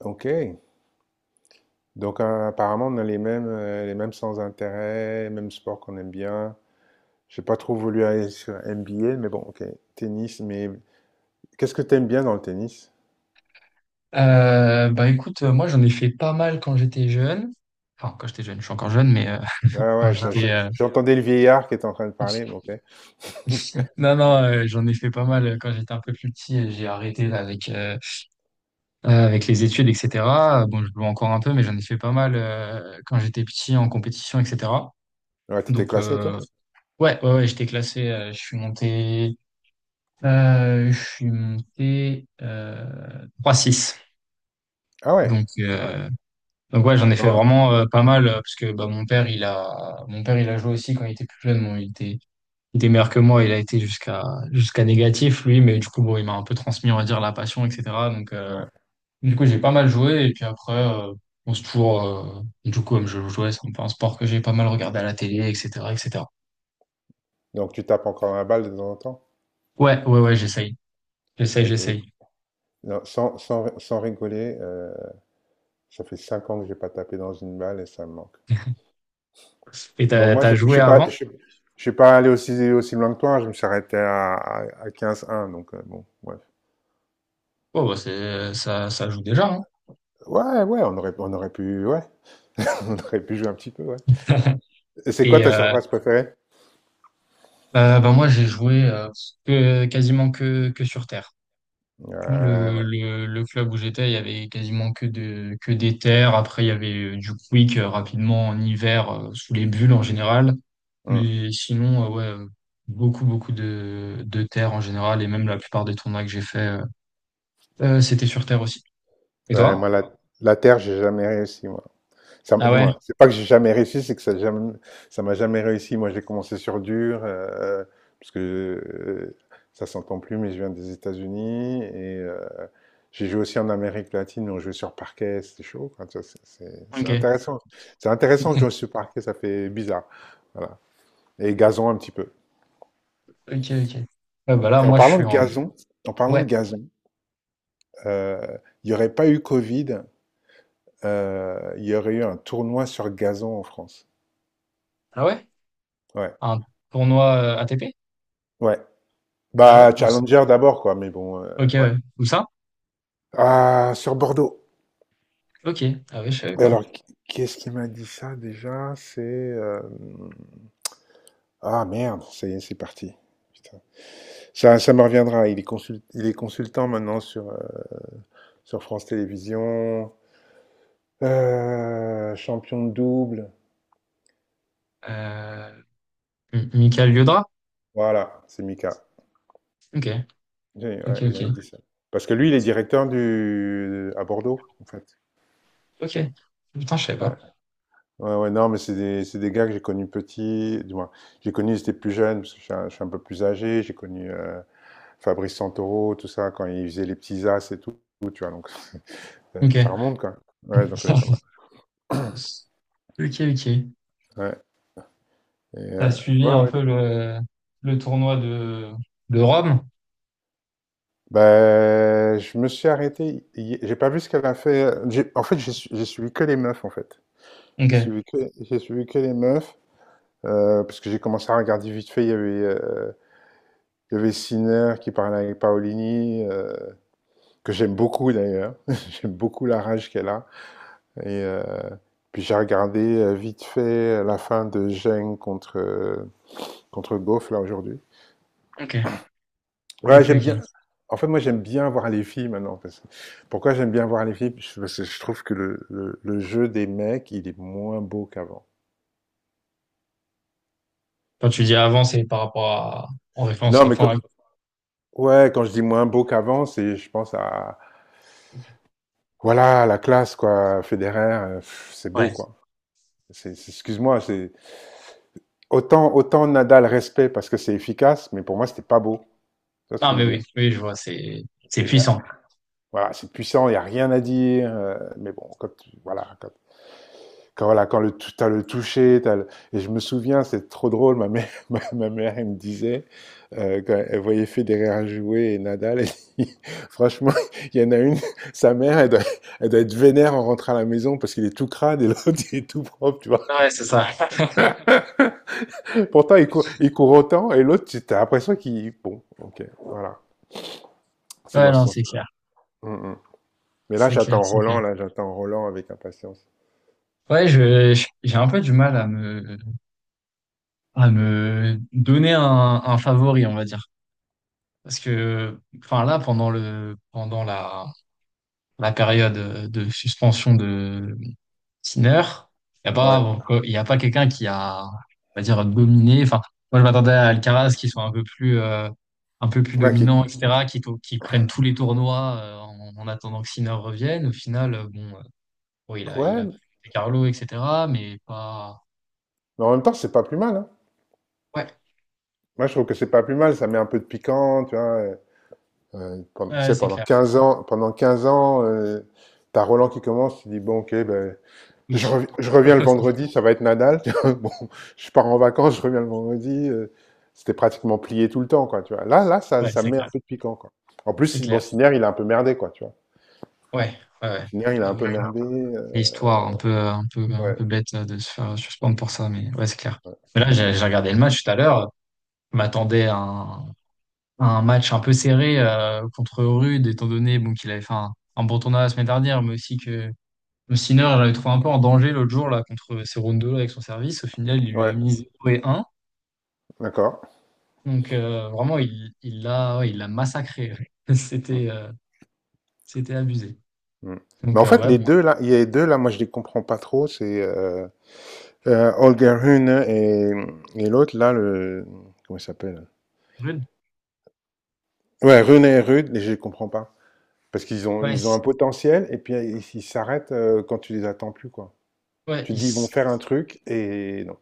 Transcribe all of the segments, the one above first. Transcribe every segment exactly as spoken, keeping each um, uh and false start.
OK. Donc, euh, apparemment, on a les mêmes, euh, les mêmes sans intérêt, les mêmes sports qu'on aime bien. J'ai pas trop voulu aller sur N B A, mais bon, OK. Tennis, mais qu'est-ce que t'aimes bien dans le tennis? Euh, bah écoute, euh, moi j'en ai fait pas mal quand j'étais jeune. Enfin, quand j'étais jeune, je suis encore jeune, mais euh, Ah quand ouais, je- je- j'étais... euh, j'entendais le vieillard qui était en train de parler, mais OK. Non, non, euh, j'en ai fait pas mal euh, quand j'étais un peu plus petit. et j'ai arrêté là, avec, euh, euh, avec les études, et cetera. Euh, Bon, je joue encore un peu, mais j'en ai fait pas mal euh, quand j'étais petit en compétition, et cetera. Ouais, t'étais Donc, classé et tout? euh, ouais, ouais, ouais, j'étais classé, euh, je suis monté... euh, je suis monté euh, trois six. Ah ouais, Donc, ah ouais. euh, Donc ouais, j'en ai fait Bon, vraiment euh, pas mal euh, parce que bah, mon père, il a mon père, il a joué aussi quand il était plus jeune. Bon, il était il était meilleur que moi, il a été jusqu'à jusqu'à négatif lui, mais du coup bon, il m'a un peu transmis, on va dire, la passion, et cetera. Donc euh, ouais. du coup, j'ai pas mal joué et puis après, euh, on se toujours, euh, du coup comme je jouais, c'est un peu un sport que j'ai pas mal regardé à la télé, et cetera, et cetera. Donc, tu tapes encore la balle de temps en temps? Ouais, ouais, ouais, j'essaye, j'essaye, Et, j'essaye. et- non, sans, sans, sans rigoler, euh, ça fait cinq ans que j'ai pas tapé dans une balle et ça me manque. Et Bon, t'as moi, je t'as ne joué suis pas, avant? je, je suis pas allé aussi, aussi loin que toi. Hein. Je me suis arrêté à, à, à quinze un. Donc, euh, bon, ouais. Oh bah, c'est ça, ça joue déjà, hein. Ouais, ouais, on aurait, on aurait pu, ouais, on aurait pu jouer un petit peu, ouais. Et c'est quoi Et, ta euh, surface préférée? bah, bah, moi j'ai joué, euh, que- quasiment que que sur terre. Ouais, Le, ouais. le, le club où j'étais, il y avait quasiment que de, que des terres. Après, il y avait, euh, du quick, euh, rapidement en hiver, euh, sous les bulles en général. Hmm. Mais sinon, euh, ouais, euh, beaucoup, beaucoup de, de terre en général. Et même la plupart des tournois que j'ai fait, euh, euh, c'était sur terre aussi. Et Ouais, moi, toi? la, la terre, j'ai jamais réussi, moi. Ça m Ah Du ouais? moins, c'est pas que j'ai jamais réussi, c'est que ça jamais ça m'a jamais réussi. Moi, j'ai commencé sur dur, heu, parce que, heu, ça s'entend plus, mais je viens des États-Unis et heu, j'ai joué aussi en Amérique latine, mais on jouait sur parquet, c'était chaud, quoi, tu vois? C'est c'est c'est Ok. intéressant. C'est intéressant de jouer sur parquet, ça fait bizarre, voilà et gazon un petit peu Ok, ok. Ouais, bah là, et en moi, je parlant suis de en. gazon en parlant de Ouais. gazon, heu, il n'y aurait pas eu covid, heu, il y aurait eu un tournoi sur gazon en France. Ah ouais? Ouais, Un tournoi euh, A T P? ouais. Ah ouais? Bah, Où- Challenger d'abord, quoi, mais bon, Ok, euh, ouais. ouais. Où ça? Ah, sur Bordeaux. Ok. Ah ouais, je savais Et pas. alors, qui qui est-ce qui m'a dit ça déjà? C'est. Euh, Ah merde, ça y est, c'est parti. Putain. Ça, ça me reviendra. Il est consul- il est consultant maintenant sur, euh, sur France Télévisions. Euh, champion de double. Euh... M- Michael Liodra? Voilà, c'est Mika. Ok. J'ai- Ok, Ouais, il m'avait ok. dit ça. Parce que lui, il est directeur du... à Bordeaux, en fait. Ok. Putain, je savais Ouais. pas. Ouais, ouais, non, mais c'est des, c'est des gars que j'ai connus petits, du moins, j'ai connu, ils étaient plus jeunes, parce que je suis un, je suis un peu plus âgé, j'ai connu euh, Fabrice Santoro, tout ça, quand ils faisaient les petits as et tout, tu vois, donc ça, ça Ok. remonte quand même. Ouais, donc on est pas mal. Ok, ok. Ouais, et, euh, T'as suivi ouais, un ouais. peu le, le tournoi de, de Rome? Ben, je me suis arrêté, hi- j'ai pas vu ce qu'elle a fait, euh, j'ai- en fait, j'ai su- j'ai suivi que les meufs, en fait. J'ai Ok. Suivi que, j'ai suivi que les meufs, euh, parce que j'ai commencé à regarder vite fait, il y avait, euh, il y avait Sinner qui parlait avec Paolini, euh, que j'aime beaucoup d'ailleurs. J'aime beaucoup la rage qu'elle a. Et euh, Puis j'ai regardé euh, vite fait la fin de Geng contre, euh, contre Goff là aujourd'hui. Ok. Ok, Ouais, j'aime bien. ok. En fait, moi, j'aime bien voir les filles maintenant. parce que- Pourquoi j'aime bien voir les filles parce que je trouve que le, le, le jeu des mecs, il est moins beau qu'avant. Quand tu dis avant, c'est par rapport à, en référence, Non, mais que- enfin, ouais, quand je dis moins beau qu'avant, c'est, je pense à, voilà, la classe, quoi. Federer, euh, pff, c'est beau, ouais. quoi. C'est- c'est- Excuse-moi, c'est autant, autant Nadal respect parce que c'est efficace, mais pour moi, c'était pas beau. C'est ce que Non, je veux mais dire. oui, oui, je vois, c'est, c'est C'est euh, puissant. voilà, c'est puissant, il n'y a rien à dire. Euh, mais bon, quand tu- voilà, quand, quand voilà, quand le tu as le toucher, t'as le- et je me souviens, c'est trop drôle. Ma mère, ma, ma mère, elle me disait euh, quand elle voyait Federer jouer et Nadal, elle dit, franchement, il y en a une, sa mère, elle doit, elle doit être vénère en rentrant à la maison parce qu'il est tout crade et l'autre il est tout propre, tu vois. Ouais, c'est ça. Pourtant, il court, il court autant et l'autre, tu as l'impression qu'il bon, ok, voilà. C'est Ouais, dans ce non, c'est sens-là. clair. Mmh, mmh. Mais là, C'est clair, j'attends c'est clair. Roland, là, j'attends Roland avec impatience. Ouais, je, je- j'ai un peu du mal à me, à me donner un, un favori, on va dire. Parce que, enfin, là, pendant le, pendant la, la période euh, de suspension de Sinner, il n'y a pas, Ouais. bon, il y a pas quelqu'un qui a, on va dire, dominé. Enfin, moi, je m'attendais à Alcaraz qui soit un peu plus, euh, un peu plus Ouais, qui- dominant, et cetera, qui, to- qui prenne tous les tournois, euh, en, en attendant que Sinner revienne. Au final, euh, bon, euh, bon, il a, il a ouais, pris Carlo, et cetera, mais pas. mais en même temps, c'est pas plus mal, hein. Ouais, Moi, je trouve que c'est pas plus mal, ça met un peu de piquant, tu vois. Euh, euh, pen- tu ouais, sais, c'est pendant clair. quinze ans, pendant quinze ans, euh, t'as Roland qui commence, tu dis, bon, ok, ben, je, Oui. rev- je reviens le vendredi, ça va être Nadal. Tu vois. Bon, je pars en vacances, je reviens le vendredi. Euh, c'était pratiquement plié tout le temps, quoi, tu vois. Là, là, ça, Ouais, ça c'est met un clair. peu de piquant, quoi. En plus, C'est si- bon, clair. Sinner, il a un peu merdé, quoi, tu vois. Ouais, ouais, ouais. Sinner, il a Ouais, un oui, peu merdé. euh, l'histoire un peu, un peu, un Ouais. peu bête de se faire suspendre pour ça, mais ouais, c'est clair. Mais là, j'ai Ouais, j'ai regardé le match tout à l'heure. Je m'attendais à un, à un match un peu serré, euh, contre Rude, étant donné, bon, qu'il avait fait un, un bon tournoi la semaine dernière, mais aussi que Sinner l'avait trouvé un peu en danger l'autre jour là, contre Cerrundo avec son service. Au final, il lui a ouais, mis zéro et un. d'accord. Donc euh, vraiment, il il l'a ouais, il l'a massacré. Mmh, C'était euh, c'était abusé. mmh. Mais Donc en euh, fait, ouais, les bon, deux là, il y a les deux là, moi je les comprends pas trop, c'est heu heu, Holger Rune et et l'autre là, le comment il s'appelle? Rude, Ouais, Rune et Rud, je les comprends pas. Parce qu'ils ont ouais, ils ont un c- potentiel et puis, ils ils s'arrêtent, heu, quand tu les attends plus, quoi. ouais, Tu te il, dis: «Ils vont faire un truc» et non.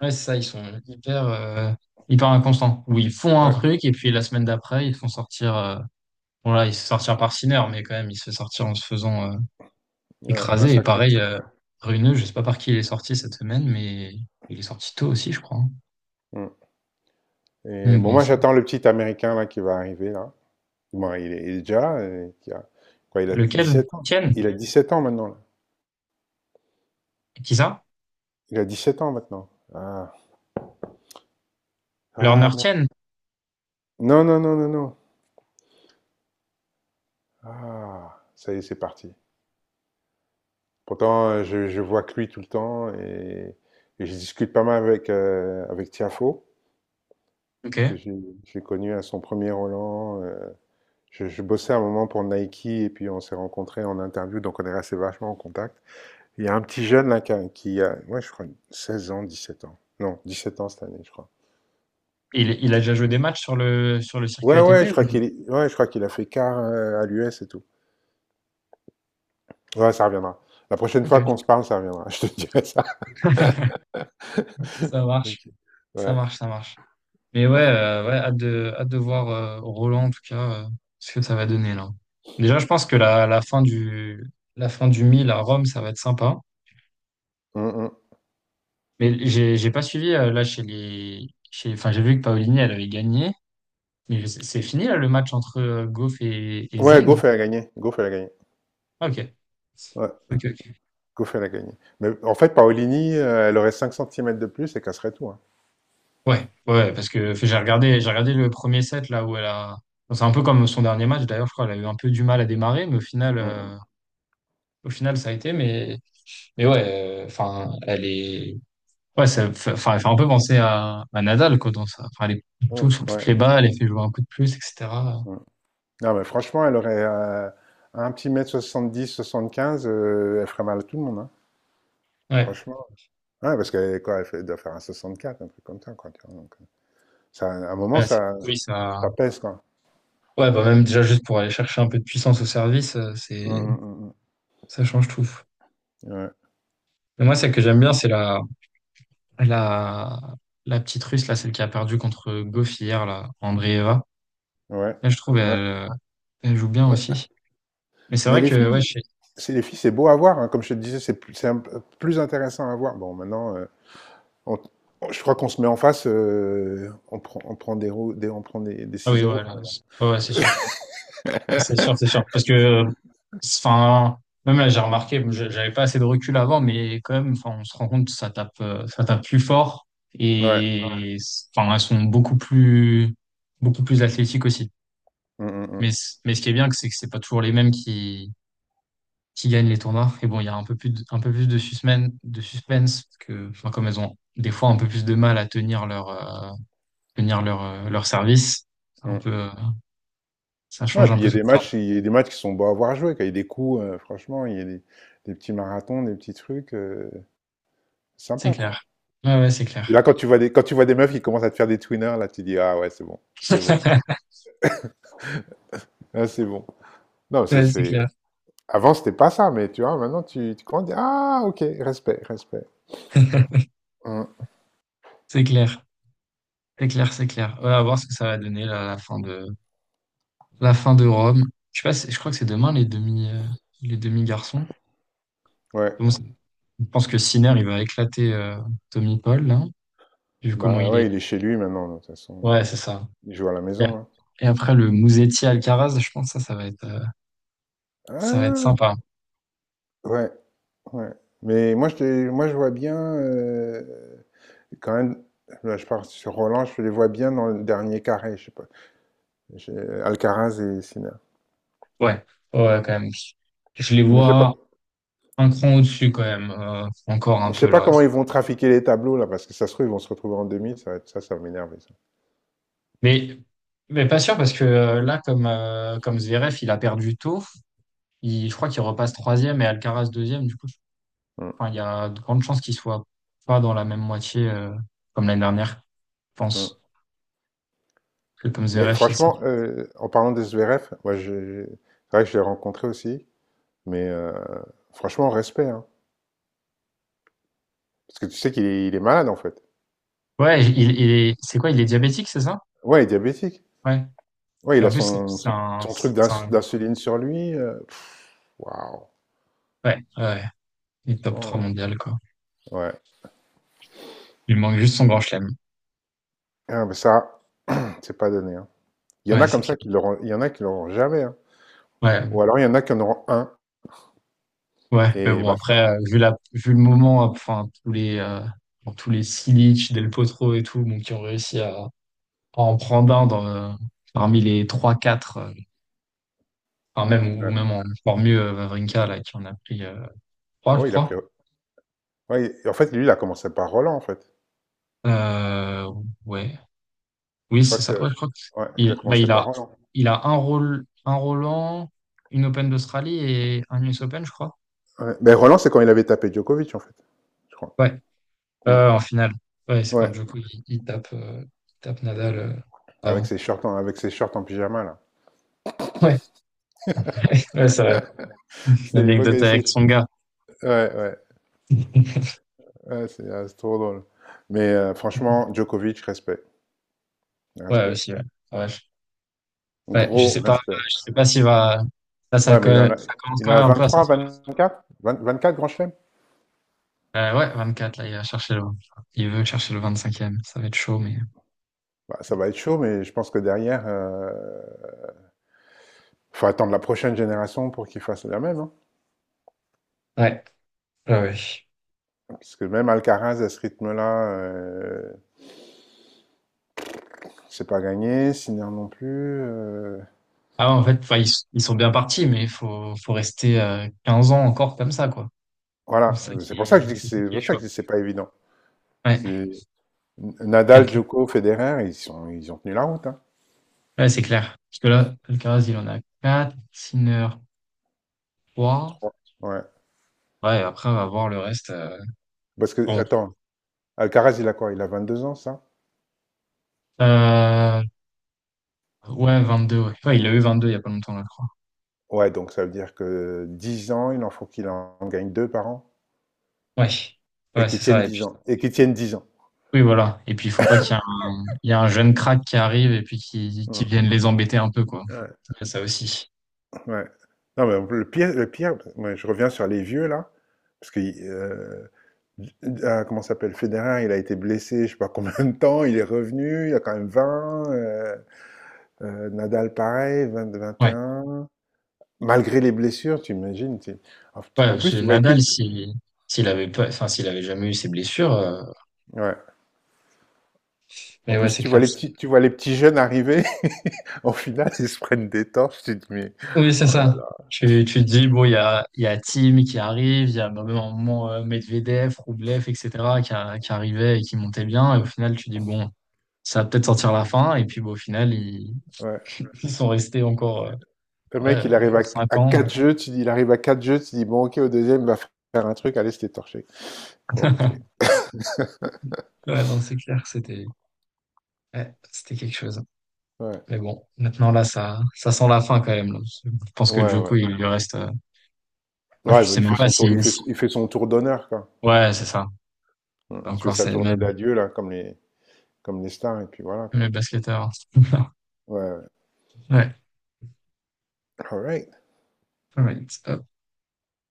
Ouais, c'est ça, ils sont hyper, euh, hyper inconstants. Où ils font un Ouais, truc et puis la semaine d'après, ils font sortir. Euh, bon, là, ils se font sortir par Sinner, mais quand même, il se fait sortir en se faisant, euh, ouais, écraser. Et massacré, pareil, euh, ouais. Runeux, je sais pas par qui il est sorti cette semaine, mais il est sorti tôt aussi, je crois, hein. Mmh et Donc bon, bon, moi ça. j'attends le petit américain là qui va arriver là. Bon, il est il est déjà, heu, qui a quoi, il a dix Lequel? sept ans? Tienne? Il a dix sept ans maintenant? Qui ça? Il a dix-sept ans maintenant. Ah, Lerner Ah, merde. Tienne? Non, non, non, non, non. Ah, ça y est, c'est parti. Pourtant, euh, je, je vois que lui tout le temps et, et je discute pas mal avec, euh, avec Tiafo, parce que Ok. j'ai- je l'ai connu à son premier Roland. euh, je, je bossais un moment pour Nike et puis on s'est rencontrés en interview, donc on est resté vachement en contact. Il y a un petit jeune là qui a, qui a- ouais, je crois, seize ans, dix-sept ans. Non, dix-sept ans cette année, je crois. Il, il a déjà joué des matchs sur le, sur le circuit Ouais, ouais, A T P? je crois Oui. qu'il est- ouais, je crois qu'il a fait quart euh, à l'U S et tout. Ouais, ça reviendra. La prochaine fois Ok. qu'on se parle, ça reviendra. Je te dirai ça. Ça marche. Ok. Ça Ouais. marche, ça marche. Mais ouais, euh, ouais, hâte de, hâte de voir, euh, Roland, en tout cas, euh, ce que ça va donner là. Déjà, je pense que la, la fin du la fin du mille à Rome, ça va être sympa. Mm, mm. Mais j'ai j'ai pas suivi, euh, là chez les chez enfin, j'ai vu que Paolini elle avait gagné, mais je sais- c'est fini là le match entre, euh, Goff et, et Ouais, Zeng? Goff, elle a gagné. Goff, elle a gagné. Ah, ok. Ouais, Ok, ok. Goff, elle a gagné. Mais en fait, Paolini, euh, elle aurait cinq centimètres de plus et casserait tout. Hein. Ouais, ouais, parce que fait, j'ai regardé, j'ai regardé le premier set là où elle a. Bon, c'est un peu comme son dernier match d'ailleurs, je crois. Elle a eu un peu du mal à démarrer, mais au final, Mm, mm. euh, au final, ça a été. Mais Mais ouais, enfin, elle est. Ouais, ça fait, enfin, elle fait un peu penser à, à Nadal, quoi, dans ça. Enfin, elle est tout Oh, sur ouais. toutes les balles, elle fait jouer un coup de plus, et cetera. Mm. Non, mais franchement, elle aurait euh, un petit mètre soixante-dix, soixante-quinze, euh, elle ferait mal à tout le monde. Hein. Ouais. Franchement. Ouais, parce qu'elle est- quoi, elle fait- elle doit faire un soixante quatre un truc comme ça, quoi. Tu vois. Donc, euh, ça, à un moment, Ouais, c'est- ça, oui, ça. ça pèse, quoi. Ouais, bah même déjà juste pour aller chercher un peu de puissance au service, euh, Mm, c'est mm, ça change tout. mm, mm. Ouais. Mais moi, celle que j'aime bien, c'est la la la petite Russe, là, celle qui a perdu contre Goff hier, là, Andreeva. Ouais. Là, je trouve elle, Ouais. euh, elle joue bien Ouais. aussi. Mais c'est Mais vrai les que ouais, filles, je... sais- c'est les filles, c'est beau à voir, hein, comme je te disais, c'est plus, c'est un peu plus intéressant à voir. Bon, maintenant, euh, on- on- je crois qu'on se met en face, euh, on prend, on prend des, ro- des- on prend des, des ah oui, six zéro ouais, quand là, c'est- ouais, ouais, c'est sûr. C'est sûr, c'est sûr. Parce que, enfin, même là, j'ai remarqué, bon, je- j'avais pas assez de recul avant, mais quand même, enfin, on se rend compte que ça tape, euh, ça tape plus fort. Ouais. même. Ouais. Et, enfin, elles sont beaucoup plus, beaucoup plus athlétiques aussi. Mm, mm, Mais, c- mais ce qui est bien, c'est que c'est pas toujours les mêmes qui, qui gagnent les tournois. Et bon, il y a un peu plus de, un peu plus de suspense, de suspense, parce que, enfin, comme elles ont des fois un peu plus de mal à tenir leur, euh, tenir leur, euh, leur service, c'est mm, un mm. peu, euh, ça Non, et change un puis il y peu a tout des le temps. matchs, il y a des matchs qui sont beaux à voir jouer, quand il y a des coups, euh, franchement, il y a des, des petits marathons, des petits trucs, euh, C'est sympa quoi. clair. Ouais, ouais, c'est Et clair. là, quand tu vois des, quand tu vois des meufs qui commencent à te faire des twinners, là, tu dis ah ouais, c'est bon, c'est bon, là, c'est bon. Non, c'est, Ouais, c'est c'est- clair. Avant, c'était pas ça, mais tu vois, maintenant, tu, tu commences à dire, ah, ok, respect, respect. Hum, C'est clair. C'est clair, c'est clair. Ouais, à voir ce que ça va donner là, la fin de la fin de Rome. Je sais pas, si- je crois que c'est demain les demi euh, les demi-garçons. ouais, Bon, c'est- je pense que Sinner il va éclater, euh, Tommy Paul là, vu comment bah il ouais, il est. est chez lui maintenant, de toute façon. Ouais, c'est ça. Il joue à la Et, maison, hein. et après le Musetti Alcaraz, je pense que ça ça va être euh, ça va être Ah, sympa. ouais, ouais. Mais moi, je, te moi, je vois bien, euh, quand même, là, je parle sur Roland, je les vois bien dans le dernier carré, je sais pas. J'ai- Alcaraz et Sinner. Ouais. Ouais, quand même. Je les Mais je sais pas, vois un cran au-dessus quand même, euh, encore mais un je sais peu pas là. comment ils vont trafiquer les tableaux, là, parce que ça se trouve, ils vont se retrouver en demi, ça va être, ça, ça va m'énerver, ça. Mais mais pas sûr parce que, euh, là comme, euh, comme Zverev, il a perdu tôt. Il- je crois qu'il repasse troisième et Alcaraz deuxième. Du coup, je- Hum, enfin, il y a de grandes chances qu'il soit pas dans la même moitié, euh, comme l'année dernière, je hum. pense. C'est comme Mais Zverev franchement, ici. euh, en parlant de Zverev, moi, je- c'est vrai que je l'ai rencontré aussi, mais euh, franchement, respect, hein. Parce que tu sais qu'il est, il est malade, en fait. Ouais, il, il est, c'est quoi? Il est diabétique, c'est ça? Ouais, il est diabétique. Ouais. Ouais, Et il a en plus, c'est son, c'est son, un, son truc d'ins- c'est un- d'insuline sur lui. Euh, pff, waouh, ouais, ouais, il est top trois franchement, mondial, quoi. euh, ouais. Il manque juste son grand chelem. Ah, mais ça, c'est pas donné, hein. Il y en a Ouais, c'est comme ça clair. qui l'auront, il y en a qui l'auront jamais, hein. Ouais, Ou alors il y en a qui en auront un, ouais. Mais et bon, basta. après, euh, vu la, vu le moment, euh, enfin, tous les, euh, bon, tous les Silic, Del Potro et tout, bon, qui ont réussi à, à en prendre un dans, euh, parmi les trois quatre, euh, enfin, même, ou Ouais, même en encore mieux, euh, Wawrinka, là, qui en a pris, euh, trois, je oh, il a pris... crois. Ouais, il- en fait, lui, il a commencé par Roland, en fait. Euh, ouais. Je Oui, crois c'est ça. que... Ouais, je crois que, Ouais, il a il, bah, commencé il par a, Roland. il a un rôle, un Roland, une Open d'Australie et un U S Open, je crois. Ouais. Ben, Roland, c'est quand il avait tapé Djokovic, en fait. Je crois. Ouais. Mm. Euh, en finale. Ouais, c'est quand Ouais, Djokovic, il, il tape, euh, il tape Nadal, euh, avec avant. ses shorts en, avec ses shorts en pyjama, là. Ouais, ouais, c'est vrai. C'était l'époque L'anecdote avec avec ses- son gars. Ouais, ouais, ouais, c'est ah, c'est trop drôle. Mais euh, franchement, Djokovic, respect, Ouais, respect. aussi, ouais. Ouais, je, ouais, je Gros sais pas, respect. je sais pas s'il va, là, ça, Ouais, co- mais il en a, ça commence il quand en a même un vingt vingt peu à trois sortir. quatre vingt vingt quatre grands chelems. Euh, ouais, vingt-quatre, là, il va chercher le... Il veut chercher le vingt-cinquième. Ça va être chaud, mais... Bah, ça va être chaud, mais je pense que derrière, euh, faut attendre la prochaine génération pour qu'il fasse la même. Hein. Ouais, ouais, ouais. Parce que même Alcaraz, à ce rythme-là, euh, c'est pas gagné, Sinner non plus. euh, Ah ouais, en fait, enfin, ils, ils sont bien partis, mais il faut, faut rester, euh, quinze ans encore comme ça, quoi. C'est Voilà, ça c'est qui pour ça que je est, dis que c'est ça c'est qui pour est ça que chaud. je dis que c'est pas évident. Ouais, Nadal, quelqu'un. Djoko, Federer, ils sont, ils ont tenu la route, hein. Ouais, c'est clair. Parce que là, Alcaraz, il en a quatre, Sinner trois. trois. Ouais. Ouais, et après, on va voir le reste, euh, Parce que, bon. attends, Alcaraz, il a quoi? Il a vingt deux ans, ça? Euh, ouais, vingt-deux, ouais. Ouais, il a eu vingt-deux il y a pas longtemps, là, je crois. Ouais, donc ça veut dire que dix ans, il en faut qu'il en gagne deux par an. Ouais, Et ouais, qu'il c'est tienne ça. dix ans. Et qu'il tienne dix ans. Oui, voilà. Et puis, il faut pas qu'il y ait un, il y a un jeune crack qui arrive et puis qui, qui Mmh. vienne les embêter un peu, quoi. Ouais, Il y a ça aussi. ouais. Non, mais le pire, le pire, moi, je reviens sur les vieux, là. Parce que, euh, ah, comment ça s'appelle? Federer, il a été blessé, je sais pas combien de temps, il est revenu, il a quand même vingt. euh, euh, Nadal, pareil, vingt, vingt et Ouais. un. Malgré les blessures, tu imagines, tu en Ouais, en parce que plus, tu vois tout Nadal, si, s'il avait pas, enfin, s'il avait jamais eu ses blessures, euh, ouais. En mais ouais, plus, c'est tu clair. vois les petits tu vois les petits jeunes arriver, au final, ils se prennent des torches, tu te dis: «Mais, Oui, c'est oh là ça. là». Tu, tu te dis, bon, il y a, il y a Tim qui arrive, il y a même un moment, euh, Medvedev, Rublev, et cetera, qui, a- qui arrivait et qui montait bien. Et au final, tu dis, bon, ça va peut-être sortir la fin. Et puis, bon, au final, ils, Ouais. ils sont restés encore, Le mec, euh, il ouais, arrive à q cinq à ans. quatre jeux, tu dis il arrive à quatre jeux, tu dis: «Bon, OK, au deuxième il va faire un truc, allez, c'était torché». Bon, OK. Ouais, non, c'est clair, c'était. Ouais, c'était quelque chose, hein. Ouais. Mais bon, maintenant là, ça, ça sent la fin quand même, là. Je pense que Ouais, Djoko, il ouais. lui reste, euh, enfin, Ouais, je bah, sais il fait même pas son si. tour il fait si- il fait son tour d'honneur, quoi. Ouais, c'est ça. Mmh, tu fais Encore, sa c'est tournée même, d'adieu, là, comme les comme les stars et puis voilà, même quoi. les basketteurs. Ouais, ouais. Ouais. All right. All right.